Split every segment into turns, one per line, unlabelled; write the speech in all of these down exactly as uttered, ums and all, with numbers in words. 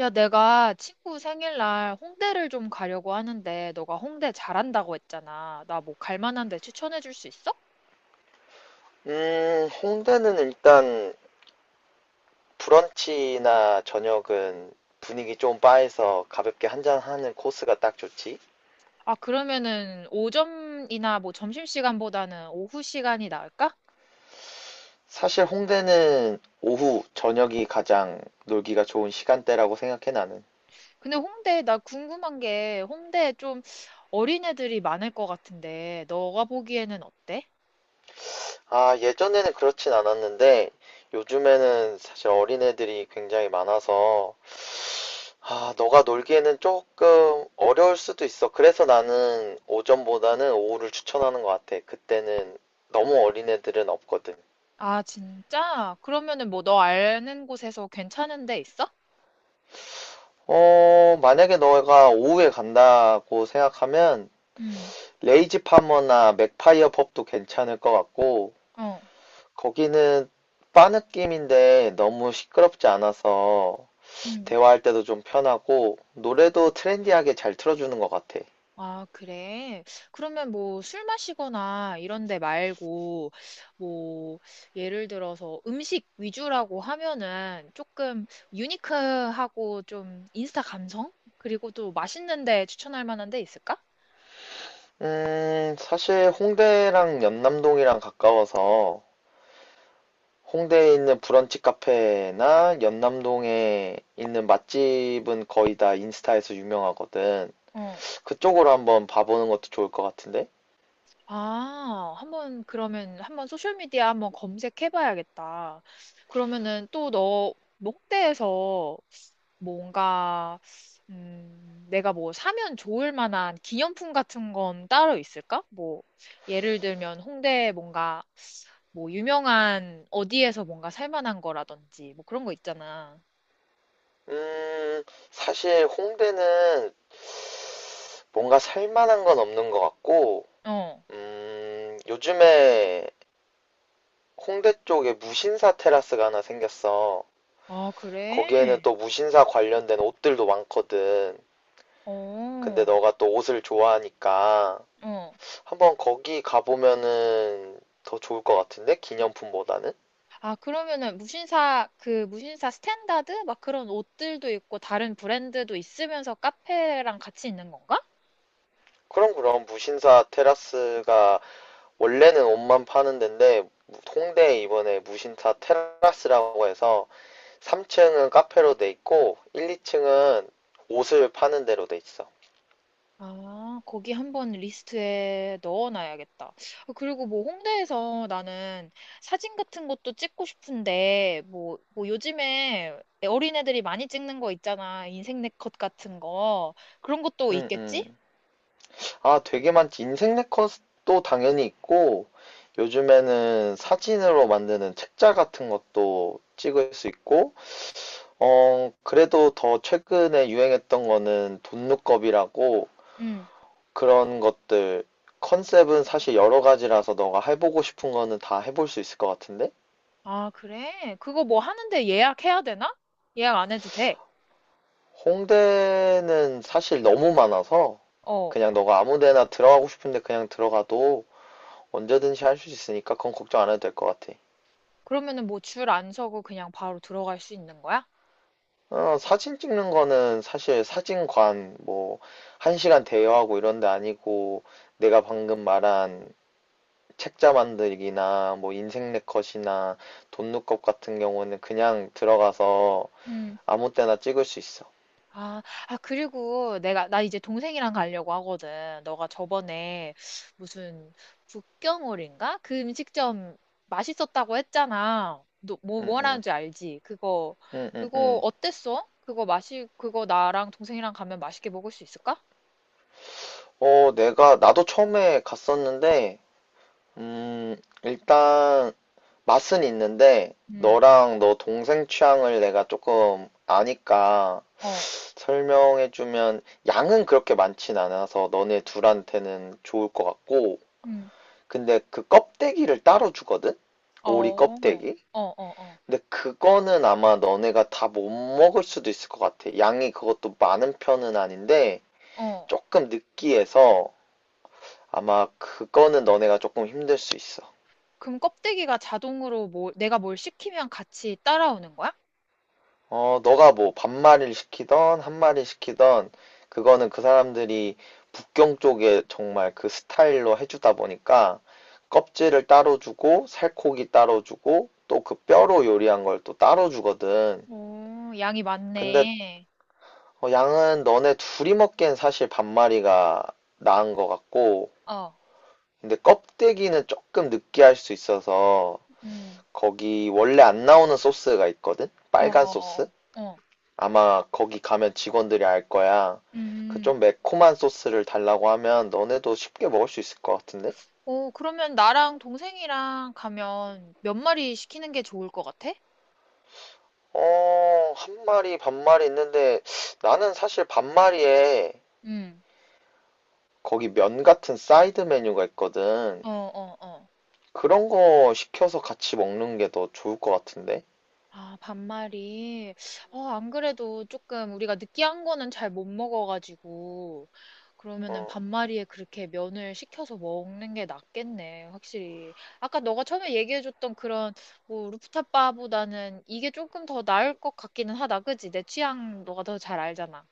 야, 내가 친구 생일날 홍대를 좀 가려고 하는데, 너가 홍대 잘한다고 했잖아. 나 뭐 갈 만한 데 추천해 줄 수 있어?
음, 홍대는 일단 브런치나 저녁은 분위기 좀 바에서 가볍게 한잔하는 코스가 딱 좋지.
아, 그러면은 오전이나 뭐 점심시간보다는 오후 시간이 나을까?
사실 홍대는 오후, 저녁이 가장 놀기가 좋은 시간대라고 생각해 나는.
근데 홍대, 나 궁금한 게 홍대 좀 어린애들이 많을 것 같은데, 너가 보기에는 어때?
아, 예전에는 그렇진 않았는데 요즘에는 사실 어린애들이 굉장히 많아서 아, 너가 놀기에는 조금 어려울 수도 있어. 그래서 나는 오전보다는 오후를 추천하는 것 같아. 그때는 너무 어린애들은 없거든.
아, 진짜? 그러면은 뭐 너 아는 곳에서 괜찮은 데 있어?
어, 만약에 너가 오후에 간다고 생각하면
응,
레이지 파머나 맥파이어 펍도 괜찮을 것 같고,
어,
거기는 바 느낌인데 너무 시끄럽지 않아서
응.
대화할 때도 좀 편하고 노래도 트렌디하게 잘 틀어주는 것 같아.
아, 그래? 그러면 뭐 술 마시거나 이런 데 말고 뭐 예를 들어서 음식 위주라고 하면은 조금 유니크하고 좀 인스타 감성? 그리고 또 맛있는 데 추천할 만한 데 있을까?
음, 사실 홍대랑 연남동이랑 가까워서 홍대에 있는 브런치 카페나 연남동에 있는 맛집은 거의 다 인스타에서 유명하거든.
어.
그쪽으로 한번 봐보는 것도 좋을 것 같은데?
아, 한번 그러면 한번 소셜 미디어 한번 검색해 봐야겠다. 그러면은 또너 홍대에서 뭔가 음, 내가 뭐 사면 좋을 만한 기념품 같은 건 따로 있을까? 뭐 예를 들면 홍대에 뭔가 뭐 유명한 어디에서 뭔가 살 만한 거라든지 뭐 그런 거 있잖아.
음, 사실 홍대는 뭔가 살만한 건 없는 것 같고,
어.
음, 요즘에 홍대 쪽에 무신사 테라스가 하나 생겼어.
아, 그래?
거기에는 또 무신사 관련된 옷들도 많거든. 근데
어.
너가 또 옷을 좋아하니까
어.
한번 거기 가보면은 더 좋을 것 같은데? 기념품보다는?
아, 그러면은 무신사, 그 무신사 스탠다드? 막 그런 옷들도 있고 다른 브랜드도 있으면서 카페랑 같이 있는 건가?
그럼 그럼 무신사 테라스가 원래는 옷만 파는 데인데 홍대에 이번에 무신사 테라스라고 해서 삼 층은 카페로 돼 있고 일, 이 층은 옷을 파는 데로 돼 있어.
아, 거기 한번 리스트에 넣어놔야겠다. 아, 그리고 뭐 홍대에서 나는 사진 같은 것도 찍고 싶은데, 뭐, 뭐 요즘에 어린애들이 많이 찍는 거 있잖아. 인생 네컷 같은 거. 그런 것도
음,
있겠지?
음. 아, 되게 많지. 인생 네컷도 당연히 있고 요즘에는 사진으로 만드는 책자 같은 것도 찍을 수 있고 어, 그래도 더 최근에 유행했던 거는 돈룩겁이라고
응.
그런 것들 컨셉은 사실 여러 가지라서 너가 해보고 싶은 거는 다 해볼 수 있을 것 같은데
아, 그래? 그거 뭐 하는데 예약해야 되나? 예약 안 해도 돼.
홍대는 사실 너무 많아서
어.
그냥 너가 아무 데나 들어가고 싶은데 그냥 들어가도 언제든지 할 수 있으니까 그건 걱정 안 해도 될 것 같아.
그러면은 뭐 줄 안 서고 그냥 바로 들어갈 수 있는 거야?
어, 사진 찍는 거는 사실 사진관 뭐 한 시간 대여하고 이런 데 아니고 내가 방금 말한 책자 만들기나 뭐 인생 네컷이나 돈룩업 같은 경우는 그냥 들어가서
응,
아무 때나 찍을 수 있어.
아, 아, 그리고 내가, 나 이제 동생이랑 가려고 하거든. 너가 저번에 무슨 북경오리인가? 그 음식점 맛있었다고 했잖아. 너, 뭐,
음,
뭐라는
음,
줄 알지? 그거,
음, 음,
그거
음.
어땠어? 그거 맛이, 그거 나랑 동생이랑 가면 맛있게 먹을 수 있을까?
어, 내가, 나도 처음에 갔었는데, 음, 일단, 맛은 있는데,
응,
너랑 너 동생 취향을 내가 조금 아니까
어,
설명해주면, 양은 그렇게 많진 않아서 너네 둘한테는 좋을 것 같고,
음
근데 그 껍데기를 따로 주거든?
어,
오리 껍데기?
어, 어, 어,
근데 그거는 아마 너네가 다 못 먹을 수도 있을 것 같아. 양이 그것도 많은 편은 아닌데,
어.
조금 느끼해서 아마 그거는 너네가 조금 힘들 수 있어.
그럼 껍데기가 자동으로 뭐, 내가 뭘 시키면 같이 따라오는 거야?
어, 너가 뭐 반말을 시키던 한말을 시키던 그거는 그 사람들이 북경 쪽에 정말 그 스타일로 해주다 보니까 껍질을 따로 주고 살코기 따로 주고 또 그 뼈로 요리한 걸 또 따로 주거든.
오, 양이
근데
많네.
어, 양은 너네 둘이 먹기엔 사실 반마리가 나은 것 같고,
어,
근데 껍데기는 조금 느끼할 수 있어서
음,
거기 원래 안 나오는 소스가 있거든?
어,
빨간 소스?
어, 어,
아마 거기 가면 직원들이 알 거야. 그
음.
좀 매콤한 소스를 달라고 하면 너네도 쉽게 먹을 수 있을 것 같은데?
오, 그러면 나랑 동생이랑 가면 몇 마리 시키는 게 좋을 것 같아?
어, 한 마리, 반마리 있는데 나는 사실 반마리에
음,
거기 면 같은 사이드 메뉴가 있거든.
어, 어, 어.
그런 거 시켜서 같이 먹는 게 더 좋을 것 같은데?
아, 반말이. 어, 안 그래도 조금 우리가 느끼한 거는 잘 못 먹어가지고.
어,
그러면은 반마리에 그렇게 면을 식혀서 먹는 게 낫겠네, 확실히. 아까 너가 처음에 얘기해줬던 그런, 뭐, 루프탑 바보다는 이게 조금 더 나을 것 같기는 하다, 그지? 내 취향 너가 더 잘 알잖아.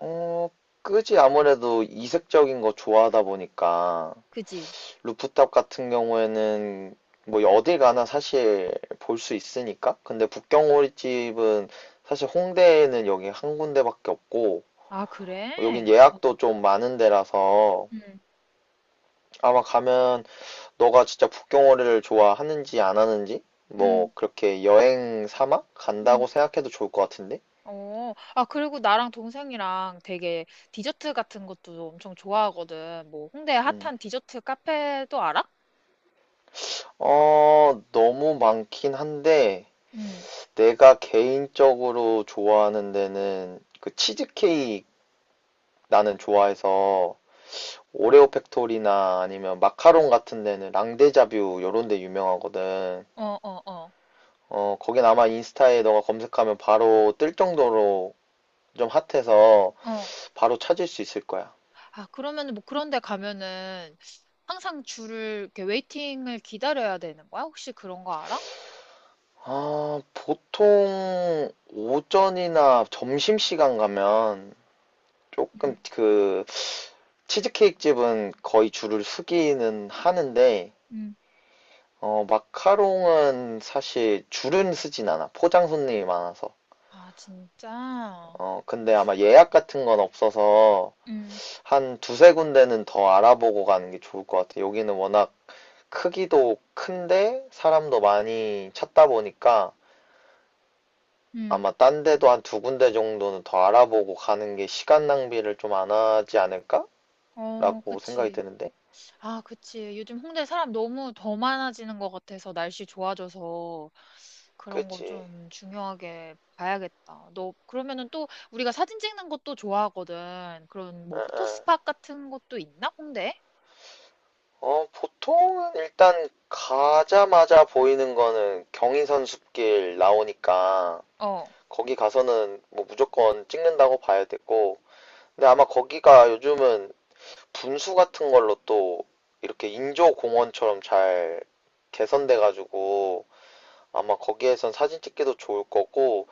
어, 끄지 아무래도 이색적인 거 좋아하다 보니까
그지?
루프탑 같은 경우에는 뭐 어딜 가나 사실 볼 수 있으니까. 근데 북경오리집은 사실 홍대에는 여기 한 군데밖에 없고
아, 그래?
여긴
어.
예약도 좀 많은 데라서
응,
아마 가면 너가 진짜 북경오리를 좋아하는지 안 하는지
응,
뭐 그렇게 여행 삼아
응.
간다고 생각해도 좋을 것 같은데.
어, 아, 그리고 나랑 동생이랑 되게 디저트 같은 것도 엄청 좋아하거든. 뭐, 홍대
음.
핫한 디저트 카페도 알아?
어, 너무 많긴 한데
응,
내가 개인적으로 좋아하는 데는 그 치즈케이크 나는 좋아해서 오레오 팩토리나 아니면 마카롱 같은 데는 랑데자뷰 요런 데 유명하거든.
어, 어, 어,
어, 거긴 아마 인스타에 너가 검색하면 바로 뜰 정도로 좀 핫해서
어.
바로 찾을 수 있을 거야.
아, 그러면은 뭐 그런 데 가면은 항상 줄을, 이렇게 웨이팅을 기다려야 되는 거야? 혹시 그런 거 알아?
아, 보통 오전이나 점심시간 가면 조금
응,
그 치즈케이크 집은 거의 줄을 서기는 하는데
응.
어, 마카롱은 사실 줄은 서진 않아. 포장 손님이 많아서.
아, 진짜?
어, 근데 아마 예약 같은 건 없어서
응,
한 두세 군데는 더 알아보고 가는 게 좋을 것 같아요. 여기는 워낙 크기도 큰데 사람도 많이 찾다 보니까
응.
아마 딴 데도 한 두 군데 정도는 더 알아보고 가는 게 시간 낭비를 좀 안 하지 않을까라고
어,
생각이
그치.
드는데.
아, 그치. 요즘 홍대 사람 너무 더 많아지는 것 같아서 날씨 좋아져서 그런 거
그치?
좀 중요하게 봐야겠다. 너 그러면은 또 우리가 사진 찍는 것도 좋아하거든. 그런
응,
뭐
응.
포토스팟 같은 것도 있나? 홍대에?
어, 보통은 일단 가자마자 보이는 거는 경인선 숲길 나오니까
어.
거기 가서는 뭐 무조건 찍는다고 봐야 되고 근데 아마 거기가 요즘은 분수 같은 걸로 또 이렇게 인조 공원처럼 잘 개선돼 가지고 아마 거기에선 사진 찍기도 좋을 거고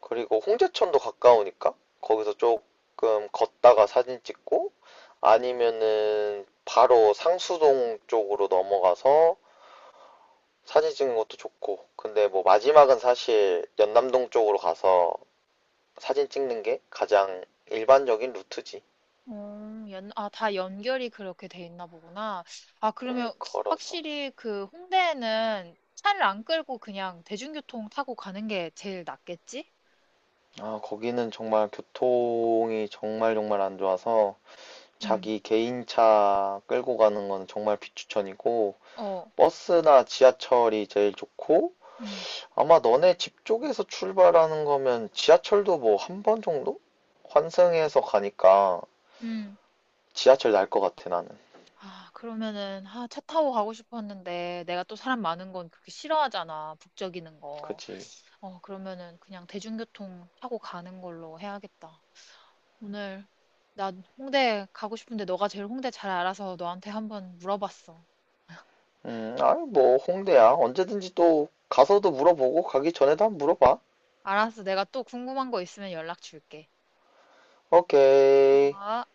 그리고 홍제천도 가까우니까 거기서 조금 걷다가 사진 찍고 아니면은 바로 상수동 쪽으로 넘어가서 사진 찍는 것도 좋고 근데 뭐 마지막은 사실 연남동 쪽으로 가서 사진 찍는 게 가장 일반적인 루트지.
음, 연, 아, 다 연결이 그렇게 돼 있나 보구나. 아,
음,
그러면
걸어서.
확실히 그 홍대에는 차를 안 끌고 그냥 대중교통 타고 가는 게 제일 낫겠지?
아, 거기는 정말 교통이 정말 정말 안 좋아서
응,
자기 개인차 끌고 가는 건 정말 비추천이고
어,
버스나 지하철이 제일 좋고
응,
아마 너네 집 쪽에서 출발하는 거면 지하철도 뭐 한 번 정도? 환승해서 가니까
응.
지하철 날 것 같아 나는.
아, 그러면은, 아, 차 타고 가고 싶었는데, 내가 또 사람 많은 건 그렇게 싫어하잖아, 북적이는 거.
그치?
어, 그러면은 그냥 대중교통 타고 가는 걸로 해야겠다. 오늘, 난 홍대 가고 싶은데, 너가 제일 홍대 잘 알아서 너한테 한번 물어봤어.
음, 아니 뭐 홍대야 언제든지 또 가서도 물어보고 가기 전에도 한번 물어봐.
알았어, 내가 또 궁금한 거 있으면 연락 줄게.
오케이.
아